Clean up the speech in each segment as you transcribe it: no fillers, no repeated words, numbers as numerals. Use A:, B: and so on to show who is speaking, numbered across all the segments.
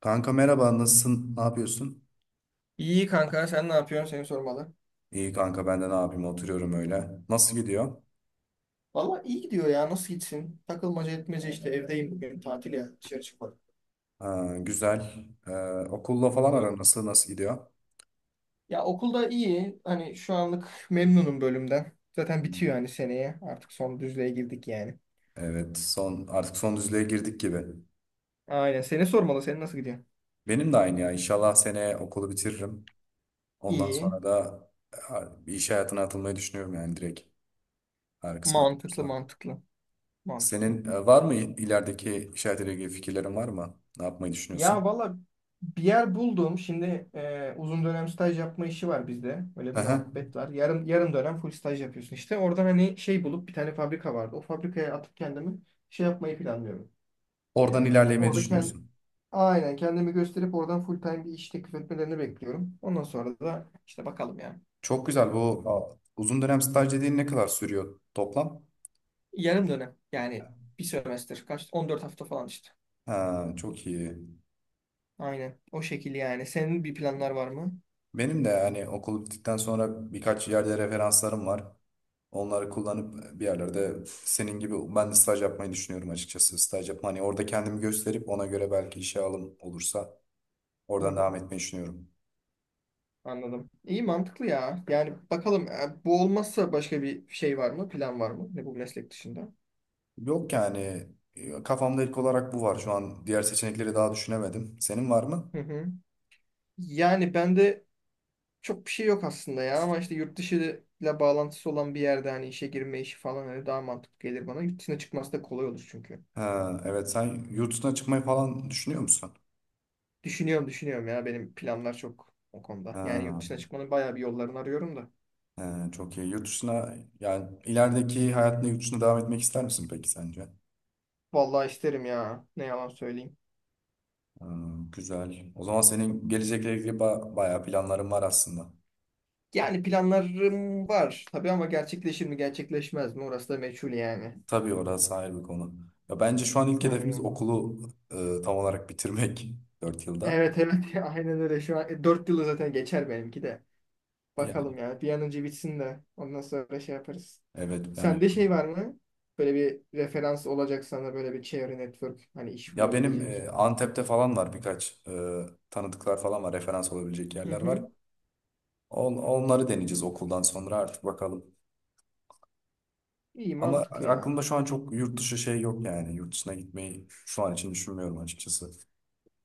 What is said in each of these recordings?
A: Kanka merhaba, nasılsın? Ne yapıyorsun?
B: İyi kanka sen ne yapıyorsun seni sormalı.
A: İyi kanka ben de ne yapayım oturuyorum öyle. Nasıl gidiyor?
B: Valla iyi gidiyor ya nasıl gitsin? Takılmaca etmece işte evdeyim bugün tatil ya dışarı çıkmadım.
A: Ha, güzel. Okulla falan aran nasıl gidiyor?
B: Ya okulda iyi hani şu anlık memnunum bölümden. Zaten bitiyor yani seneye artık son düzlüğe girdik yani.
A: Evet son artık son düzlüğe girdik gibi.
B: Aynen seni sormalı senin nasıl gidiyor?
A: Benim de aynı ya. İnşallah seneye okulu bitiririm. Ondan
B: İyi
A: sonra da bir iş hayatına atılmayı düşünüyorum yani direkt. Eğer kısmet
B: mantıklı
A: olursa.
B: mantıklı mantıklı.
A: Senin var mı ilerideki iş hayatıyla ilgili fikirlerin var mı? Ne yapmayı
B: Ya
A: düşünüyorsun?
B: valla bir yer buldum. Şimdi uzun dönem staj yapma işi var bizde. Böyle bir
A: Hı hı.
B: muhabbet var. Yarım yarım dönem full staj yapıyorsun işte. Oradan hani şey bulup bir tane fabrika vardı. O fabrikaya atıp kendimi şey yapmayı planlıyorum.
A: Oradan
B: E,
A: ilerlemeyi
B: orada kend,
A: düşünüyorsun.
B: aynen kendimi gösterip oradan full time bir iş teklif etmelerini bekliyorum. Ondan sonra da işte bakalım ya.
A: Çok güzel. Bu uzun dönem staj dediğin ne kadar sürüyor toplam?
B: Yarım dönem yani bir sömestr kaç 14 hafta falan işte.
A: Ha, çok iyi.
B: Aynen o şekilde yani. Senin bir planlar var mı?
A: Benim de yani okul bittikten sonra birkaç yerde referanslarım var. Onları kullanıp bir yerlerde senin gibi ben de staj yapmayı düşünüyorum açıkçası. Staj yapma hani orada kendimi gösterip ona göre belki işe alım olursa
B: Hı
A: oradan
B: hı,
A: devam etmeyi düşünüyorum.
B: anladım. İyi mantıklı ya. Yani bakalım bu olmazsa başka bir şey var mı? Plan var mı? Ne bu meslek dışında?
A: Yok yani, kafamda ilk olarak bu var. Şu an diğer seçenekleri daha düşünemedim. Senin var mı?
B: Hı hı. Yani bende çok bir şey yok aslında ya ama işte yurt dışı ile bağlantısı olan bir yerde hani işe girme işi falan hani daha mantıklı gelir bana. Yurt dışına çıkması da kolay olur çünkü.
A: Ha, evet, sen yurt dışına çıkmayı falan düşünüyor musun?
B: Düşünüyorum düşünüyorum ya benim planlar çok o konuda. Yani yurt
A: Ha.
B: dışına çıkmanın bayağı bir yollarını arıyorum da.
A: He, çok iyi. Yurt dışına yani ilerideki hayatında yurt dışına devam etmek ister misin peki sence?
B: Vallahi isterim ya. Ne yalan söyleyeyim.
A: Hmm, güzel. O zaman senin gelecekle ilgili bayağı planların var aslında.
B: Yani planlarım var tabii ama gerçekleşir mi gerçekleşmez mi orası da meçhul yani.
A: Tabii orası ayrı bir konu. Ya bence şu an ilk hedefimiz
B: Aynen.
A: okulu tam olarak bitirmek 4 yılda.
B: Evet evet aynen öyle şu an. 4 yılı zaten geçer benimki de.
A: Yani
B: Bakalım yani bir an önce bitsin de ondan sonra şey yaparız.
A: evet
B: Sende şey var mı? Böyle bir referans olacak sana böyle bir çevre network hani iş
A: ya benim
B: bulabilecek.
A: Antep'te falan var birkaç tanıdıklar falan var, referans olabilecek
B: Hı
A: yerler var.
B: hı.
A: Onları deneyeceğiz okuldan sonra artık bakalım.
B: İyi
A: Ama
B: mantıklı ya.
A: aklımda şu an çok yurt dışı şey yok yani. Yurt dışına gitmeyi şu an için düşünmüyorum açıkçası.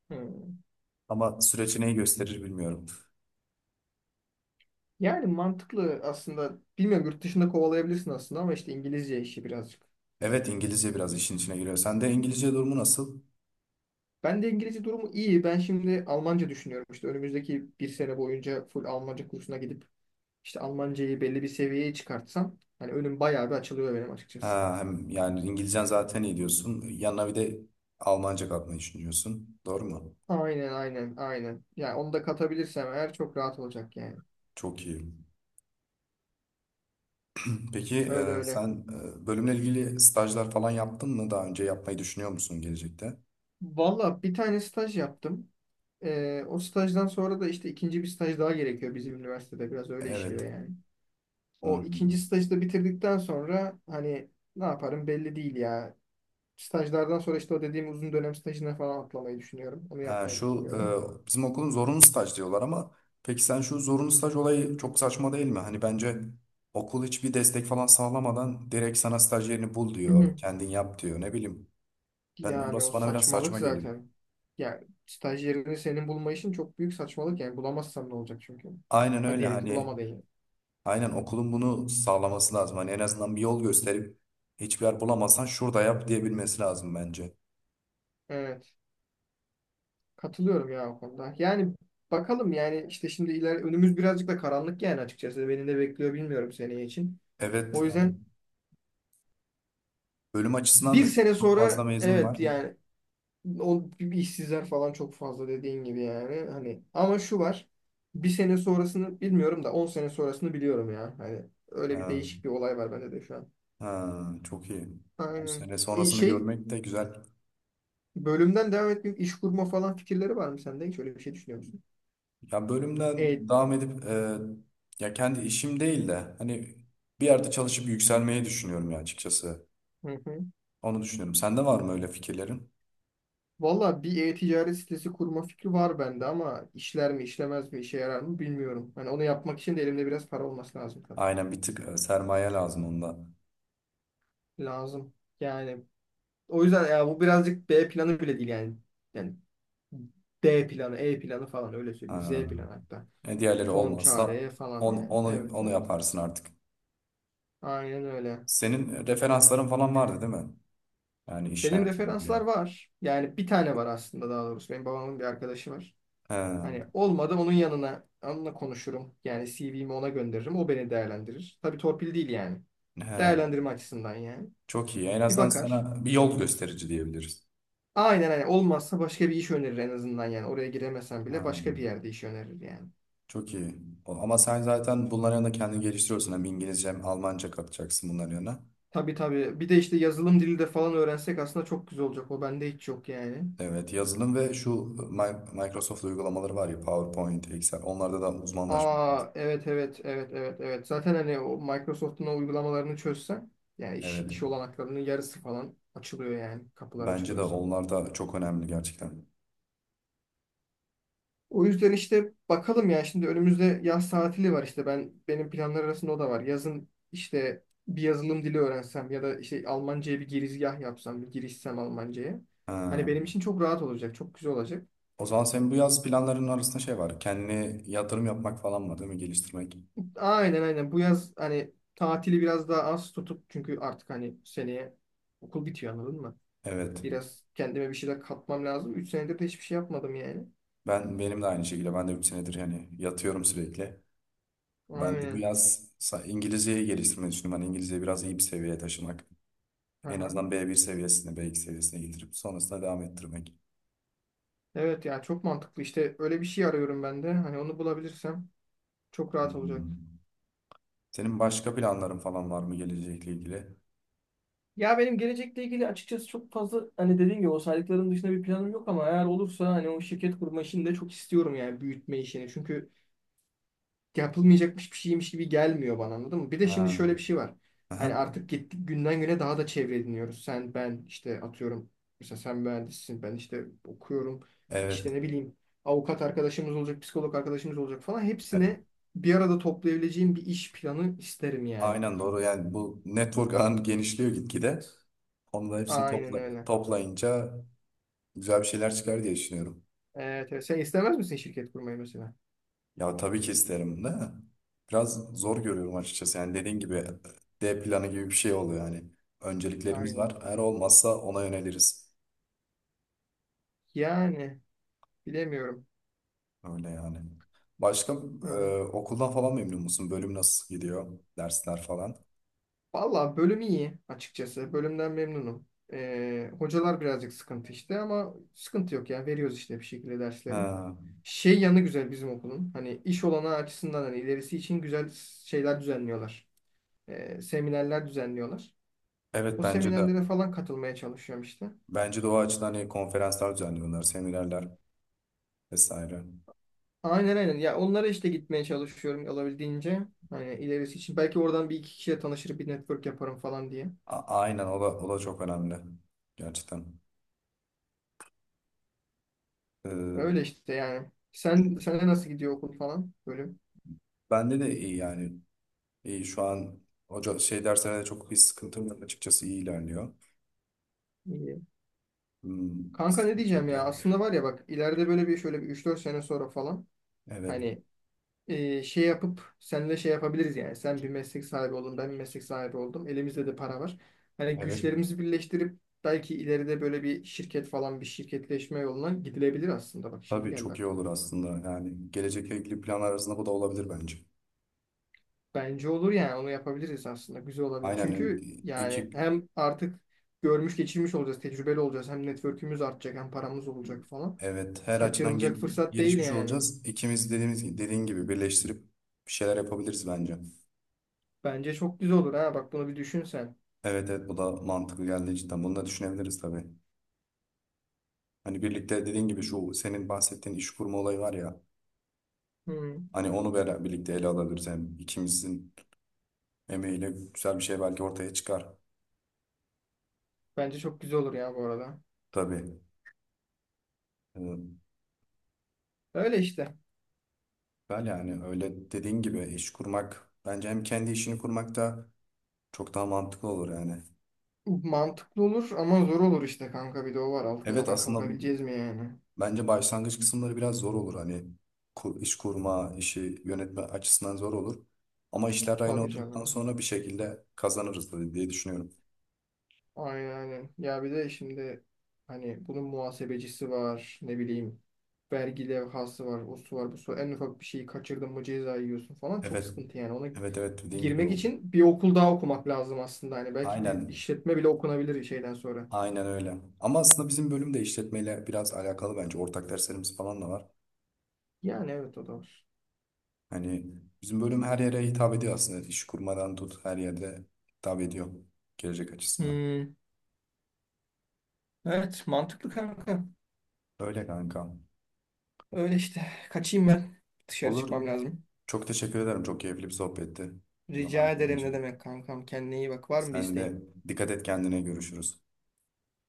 B: Hı.
A: Ama süreç neyi gösterir bilmiyorum.
B: Yani mantıklı aslında. Bilmiyorum yurt dışında kovalayabilirsin aslında ama işte İngilizce işi birazcık.
A: Evet, İngilizce biraz işin içine giriyor. Sen de İngilizce durumu nasıl?
B: Ben de İngilizce durumu iyi. Ben şimdi Almanca düşünüyorum. İşte önümüzdeki bir sene boyunca full Almanca kursuna gidip işte Almancayı belli bir seviyeye çıkartsam hani önüm bayağı bir açılıyor benim açıkçası.
A: Ha, hem yani İngilizcen zaten iyi diyorsun. Yanına bir de Almanca katmayı düşünüyorsun. Doğru mu?
B: Aynen aynen aynen. Yani onu da katabilirsem eğer çok rahat olacak yani.
A: Çok iyi. Peki
B: Öyle öyle.
A: sen bölümle ilgili stajlar falan yaptın mı? Daha önce yapmayı düşünüyor musun gelecekte?
B: Valla bir tane staj yaptım. O stajdan sonra da işte ikinci bir staj daha gerekiyor bizim üniversitede. Biraz öyle işliyor
A: Evet.
B: yani.
A: Hı.
B: O ikinci stajı da bitirdikten sonra hani ne yaparım belli değil ya. Stajlardan sonra işte o dediğim uzun dönem stajına falan atlamayı düşünüyorum. Onu
A: Ha,
B: yapmayı
A: şu
B: düşünüyorum.
A: bizim okulun zorunlu staj diyorlar ama peki sen şu zorunlu staj olayı çok saçma değil mi? Hani bence okul hiçbir destek falan sağlamadan direkt sana staj yerini bul
B: Hı hı.
A: diyor. Kendin yap diyor. Ne bileyim. Ben,
B: Yani o
A: orası bana biraz
B: saçmalık
A: saçma geliyor.
B: zaten. Yani staj yerini senin bulma işin çok büyük saçmalık yani. Bulamazsan ne olacak çünkü.
A: Aynen
B: Hadi
A: öyle,
B: diyelim ki
A: hani
B: bulamadın yani.
A: aynen okulun bunu sağlaması lazım. Hani en azından bir yol gösterip hiçbir yer bulamazsan şurada yap diyebilmesi lazım bence.
B: Evet. Katılıyorum ya o konuda. Yani bakalım yani işte şimdi iler önümüz birazcık da karanlık yani açıkçası. Beni ne bekliyor bilmiyorum seneye için.
A: Evet,
B: O
A: hani
B: yüzden
A: bölüm açısından
B: bir
A: da, çünkü
B: sene
A: çok fazla
B: sonra
A: mezun
B: evet
A: var.
B: yani o gibi işsizler falan çok fazla dediğin gibi yani. Hani ama şu var. Bir sene sonrasını bilmiyorum da 10 sene sonrasını biliyorum ya. Hani öyle bir
A: Ee,
B: değişik bir olay var bende de şu an.
A: ha, çok iyi. 10
B: Aynen.
A: sene sonrasını görmek de güzel.
B: Bölümden devam etmek iş kurma falan fikirleri var mı sende? Hiç öyle bir şey düşünüyor musun?
A: Ya bölümden
B: E,
A: devam edip, ya kendi işim değil de hani bir yerde çalışıp yükselmeyi düşünüyorum ya açıkçası.
B: hı hı.
A: Onu düşünüyorum. Sende var mı öyle fikirlerin?
B: Valla bir e-ticaret sitesi kurma fikri var bende ama işler mi işlemez mi işe yarar mı bilmiyorum. Hani onu yapmak için de elimde biraz para olması lazım tabii.
A: Aynen, bir tık sermaye lazım onda.
B: Lazım. Yani o yüzden ya bu birazcık B planı bile değil yani. Yani D planı, E planı falan öyle söyleyeyim. Z
A: Ha.
B: planı hatta.
A: E, diğerleri
B: Son
A: olmazsa
B: çare falan
A: on,
B: yani.
A: onu
B: Evet
A: onu
B: evet.
A: yaparsın artık.
B: Aynen öyle.
A: Senin referansların falan vardı değil mi? Yani iş
B: Benim
A: hayatında
B: referanslar
A: ilgili.
B: var. Yani bir tane var aslında daha doğrusu. Benim babamın bir arkadaşı var.
A: He,
B: Hani olmadı onun yanına onunla konuşurum. Yani CV'mi ona gönderirim. O beni değerlendirir. Tabii torpil değil yani.
A: he.
B: Değerlendirme açısından yani.
A: Çok iyi. En
B: Bir
A: azından
B: bakar.
A: sana bir yol gösterici diyebiliriz.
B: Aynen hani olmazsa başka bir iş önerir en azından yani. Oraya giremesen
A: He.
B: bile başka bir yerde iş önerir yani.
A: Çok iyi. Ama sen zaten bunların yanında kendini geliştiriyorsun. Hem İngilizce hem Almanca katacaksın bunların yanına.
B: Tabii tabii. Bir de işte yazılım dili de falan öğrensek aslında çok güzel olacak. O bende hiç yok yani.
A: Evet, yazılım ve şu Microsoft uygulamaları var ya, PowerPoint, Excel. Onlarda da uzmanlaşmak lazım.
B: Aa evet evet evet evet evet. Zaten hani o Microsoft'un o uygulamalarını çözsen yani iş,
A: Evet.
B: iş olanaklarının yarısı falan açılıyor yani. Kapılar
A: Bence de
B: açılıyor sana.
A: onlar da çok önemli gerçekten.
B: O yüzden işte bakalım ya şimdi önümüzde yaz tatili var işte benim planlar arasında o da var. Yazın işte bir yazılım dili öğrensem ya da işte Almanca'ya bir girizgah yapsam, bir girişsem Almanca'ya. Hani
A: Ha.
B: benim için çok rahat olacak, çok güzel olacak.
A: O zaman senin bu yaz planlarının arasında şey var. Kendine yatırım yapmak falan var değil mi? Geliştirmek.
B: Aynen aynen. Bu yaz hani tatili biraz daha az tutup çünkü artık hani seneye okul bitiyor anladın mı?
A: Evet.
B: Biraz kendime bir şeyler katmam lazım. 3 senedir de hiçbir şey yapmadım yani.
A: Benim de aynı şekilde. Ben de bir senedir yani yatıyorum sürekli. Ben de bu
B: Aynen.
A: yaz İngilizceyi geliştirmeyi düşünüyorum. Hani İngilizceyi biraz iyi bir seviyeye taşımak. En
B: Aha.
A: azından bir seviyesine, B2 seviyesine getirip sonrasında devam ettirmek.
B: Evet ya çok mantıklı. İşte öyle bir şey arıyorum ben de. Hani onu bulabilirsem çok rahat olacak.
A: Hmm. Senin başka planların falan var mı gelecekle ilgili?
B: Ya benim gelecekle ilgili açıkçası çok fazla hani dediğim gibi o saydıklarım dışında bir planım yok ama eğer olursa hani o şirket kurma işini de çok istiyorum yani büyütme işini. Çünkü yapılmayacakmış bir şeymiş gibi gelmiyor bana anladın mı? Bir de şimdi
A: Ha.
B: şöyle bir şey var. Hani
A: Aha.
B: artık gittik günden güne daha da çevre ediniyoruz. Sen ben işte atıyorum mesela sen mühendissin ben işte okuyorum işte
A: Evet.
B: ne bileyim avukat arkadaşımız olacak psikolog arkadaşımız olacak falan
A: E,
B: hepsine bir arada toplayabileceğim bir iş planı isterim yani.
A: aynen doğru. Yani bu network ağın genişliyor gitgide. Onu da hepsini
B: Aynen öyle.
A: toplayınca güzel bir şeyler çıkar diye düşünüyorum.
B: Evet, evet. Sen istemez misin şirket kurmayı mesela?
A: Ya tabii ki isterim de biraz zor görüyorum açıkçası. Yani dediğin gibi, D planı gibi bir şey oluyor yani. Önceliklerimiz
B: Aynen.
A: var. Eğer olmazsa ona yöneliriz.
B: Yani bilemiyorum.
A: Öyle yani. Başka e,
B: Öyle.
A: okuldan falan memnun musun? Bölüm nasıl gidiyor? Dersler falan.
B: Valla bölüm iyi açıkçası. Bölümden memnunum. Hocalar birazcık sıkıntı işte ama sıkıntı yok ya. Veriyoruz işte bir şekilde dersleri.
A: Ha,
B: Şey yanı güzel bizim okulun. Hani iş olanağı açısından hani ilerisi için güzel şeyler düzenliyorlar. Seminerler düzenliyorlar.
A: evet,
B: O
A: bence de.
B: seminerlere falan katılmaya çalışıyorum işte.
A: Bence de o açıdan hani konferanslar düzenliyorlar, seminerler vesaire.
B: Aynen aynen. Ya onlara işte gitmeye çalışıyorum olabildiğince. Hani ilerisi için. Belki oradan bir iki kişiye tanışır bir network yaparım falan diye.
A: Aynen, o da çok önemli. Gerçekten. E,
B: Öyle işte yani. Sene nasıl gidiyor okul falan? Bölüm.
A: bende de iyi yani. İyi şu an hoca şey derslerine de çok bir sıkıntım yok açıkçası, iyi ilerliyor. Hmm, bir
B: Kanka ne
A: sıkıntı
B: diyeceğim
A: yok
B: ya
A: yani.
B: aslında var ya bak ileride böyle bir şöyle bir 3 4 sene sonra falan
A: Evet.
B: hani şey yapıp seninle şey yapabiliriz yani sen bir meslek sahibi oldun ben bir meslek sahibi oldum elimizde de para var. Hani
A: Evet.
B: güçlerimizi birleştirip belki ileride böyle bir şirket falan bir şirketleşme yoluna gidilebilir aslında bak şimdi
A: Tabii
B: geldi
A: çok iyi
B: aklıma.
A: olur aslında. Yani gelecekle ilgili planlar arasında bu da olabilir bence.
B: Bence olur yani onu yapabiliriz aslında güzel olabilir.
A: Aynen,
B: Çünkü yani
A: iki,
B: hem artık görmüş geçirmiş olacağız tecrübeli olacağız hem network'ümüz artacak hem paramız olacak falan.
A: evet, her açıdan
B: Kaçırılacak fırsat değil
A: gelişmiş
B: yani.
A: olacağız. İkimiz dediğin gibi birleştirip bir şeyler yapabiliriz bence.
B: Bence çok güzel olur ha. Bak bunu bir düşünsen.
A: Evet, evet, bu da mantıklı geldi cidden. Bunu da düşünebiliriz tabii. Hani birlikte dediğin gibi şu senin bahsettiğin iş kurma olayı var ya.
B: Hmm.
A: Hani onu beraber birlikte ele alabiliriz. Hem ikimizin emeğiyle güzel bir şey belki ortaya çıkar.
B: Bence çok güzel olur ya bu arada.
A: Tabii. Ee,
B: Öyle işte.
A: ben yani öyle dediğin gibi iş kurmak bence, hem kendi işini kurmak da çok daha mantıklı olur yani.
B: Mantıklı olur ama zor olur işte kanka. Bir de o var.
A: Evet
B: Altından
A: aslında,
B: kalkabileceğiz mi yani?
A: bence başlangıç kısımları biraz zor olur. Hani iş kurma, işi yönetme açısından zor olur. Ama işler rayına
B: Tabii
A: oturduktan
B: canım.
A: sonra bir şekilde kazanırız tabii diye düşünüyorum.
B: Aynen aynen. Ya bir de şimdi hani bunun muhasebecisi var. Ne bileyim. Vergi levhası var. O su var. Bu su. En ufak bir şeyi kaçırdın mı ceza yiyorsun falan. Çok
A: Evet.
B: sıkıntı yani. Ona
A: Evet, evet, dediğin gibi
B: girmek
A: o.
B: için bir okul daha okumak lazım aslında. Hani belki bir
A: Aynen.
B: işletme bile okunabilir şeyden sonra.
A: Aynen öyle. Ama aslında bizim bölüm de işletmeyle biraz alakalı bence. Ortak derslerimiz falan da var.
B: Yani evet o da var.
A: Hani bizim bölüm her yere hitap ediyor aslında. İş kurmadan tut, her yerde hitap ediyor gelecek açısından.
B: Hmm. Evet, mantıklı kanka.
A: Öyle kanka.
B: Öyle işte. Kaçayım ben. Dışarı
A: Olur.
B: çıkmam lazım.
A: Çok teşekkür ederim. Çok keyifli bir sohbetti. Zaman
B: Rica
A: ayırdığın
B: ederim ne
A: için.
B: demek kankam. Kendine iyi bak. Var mı bir
A: Sen
B: isteğin?
A: de dikkat et kendine, görüşürüz.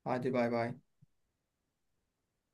B: Hadi bay bay.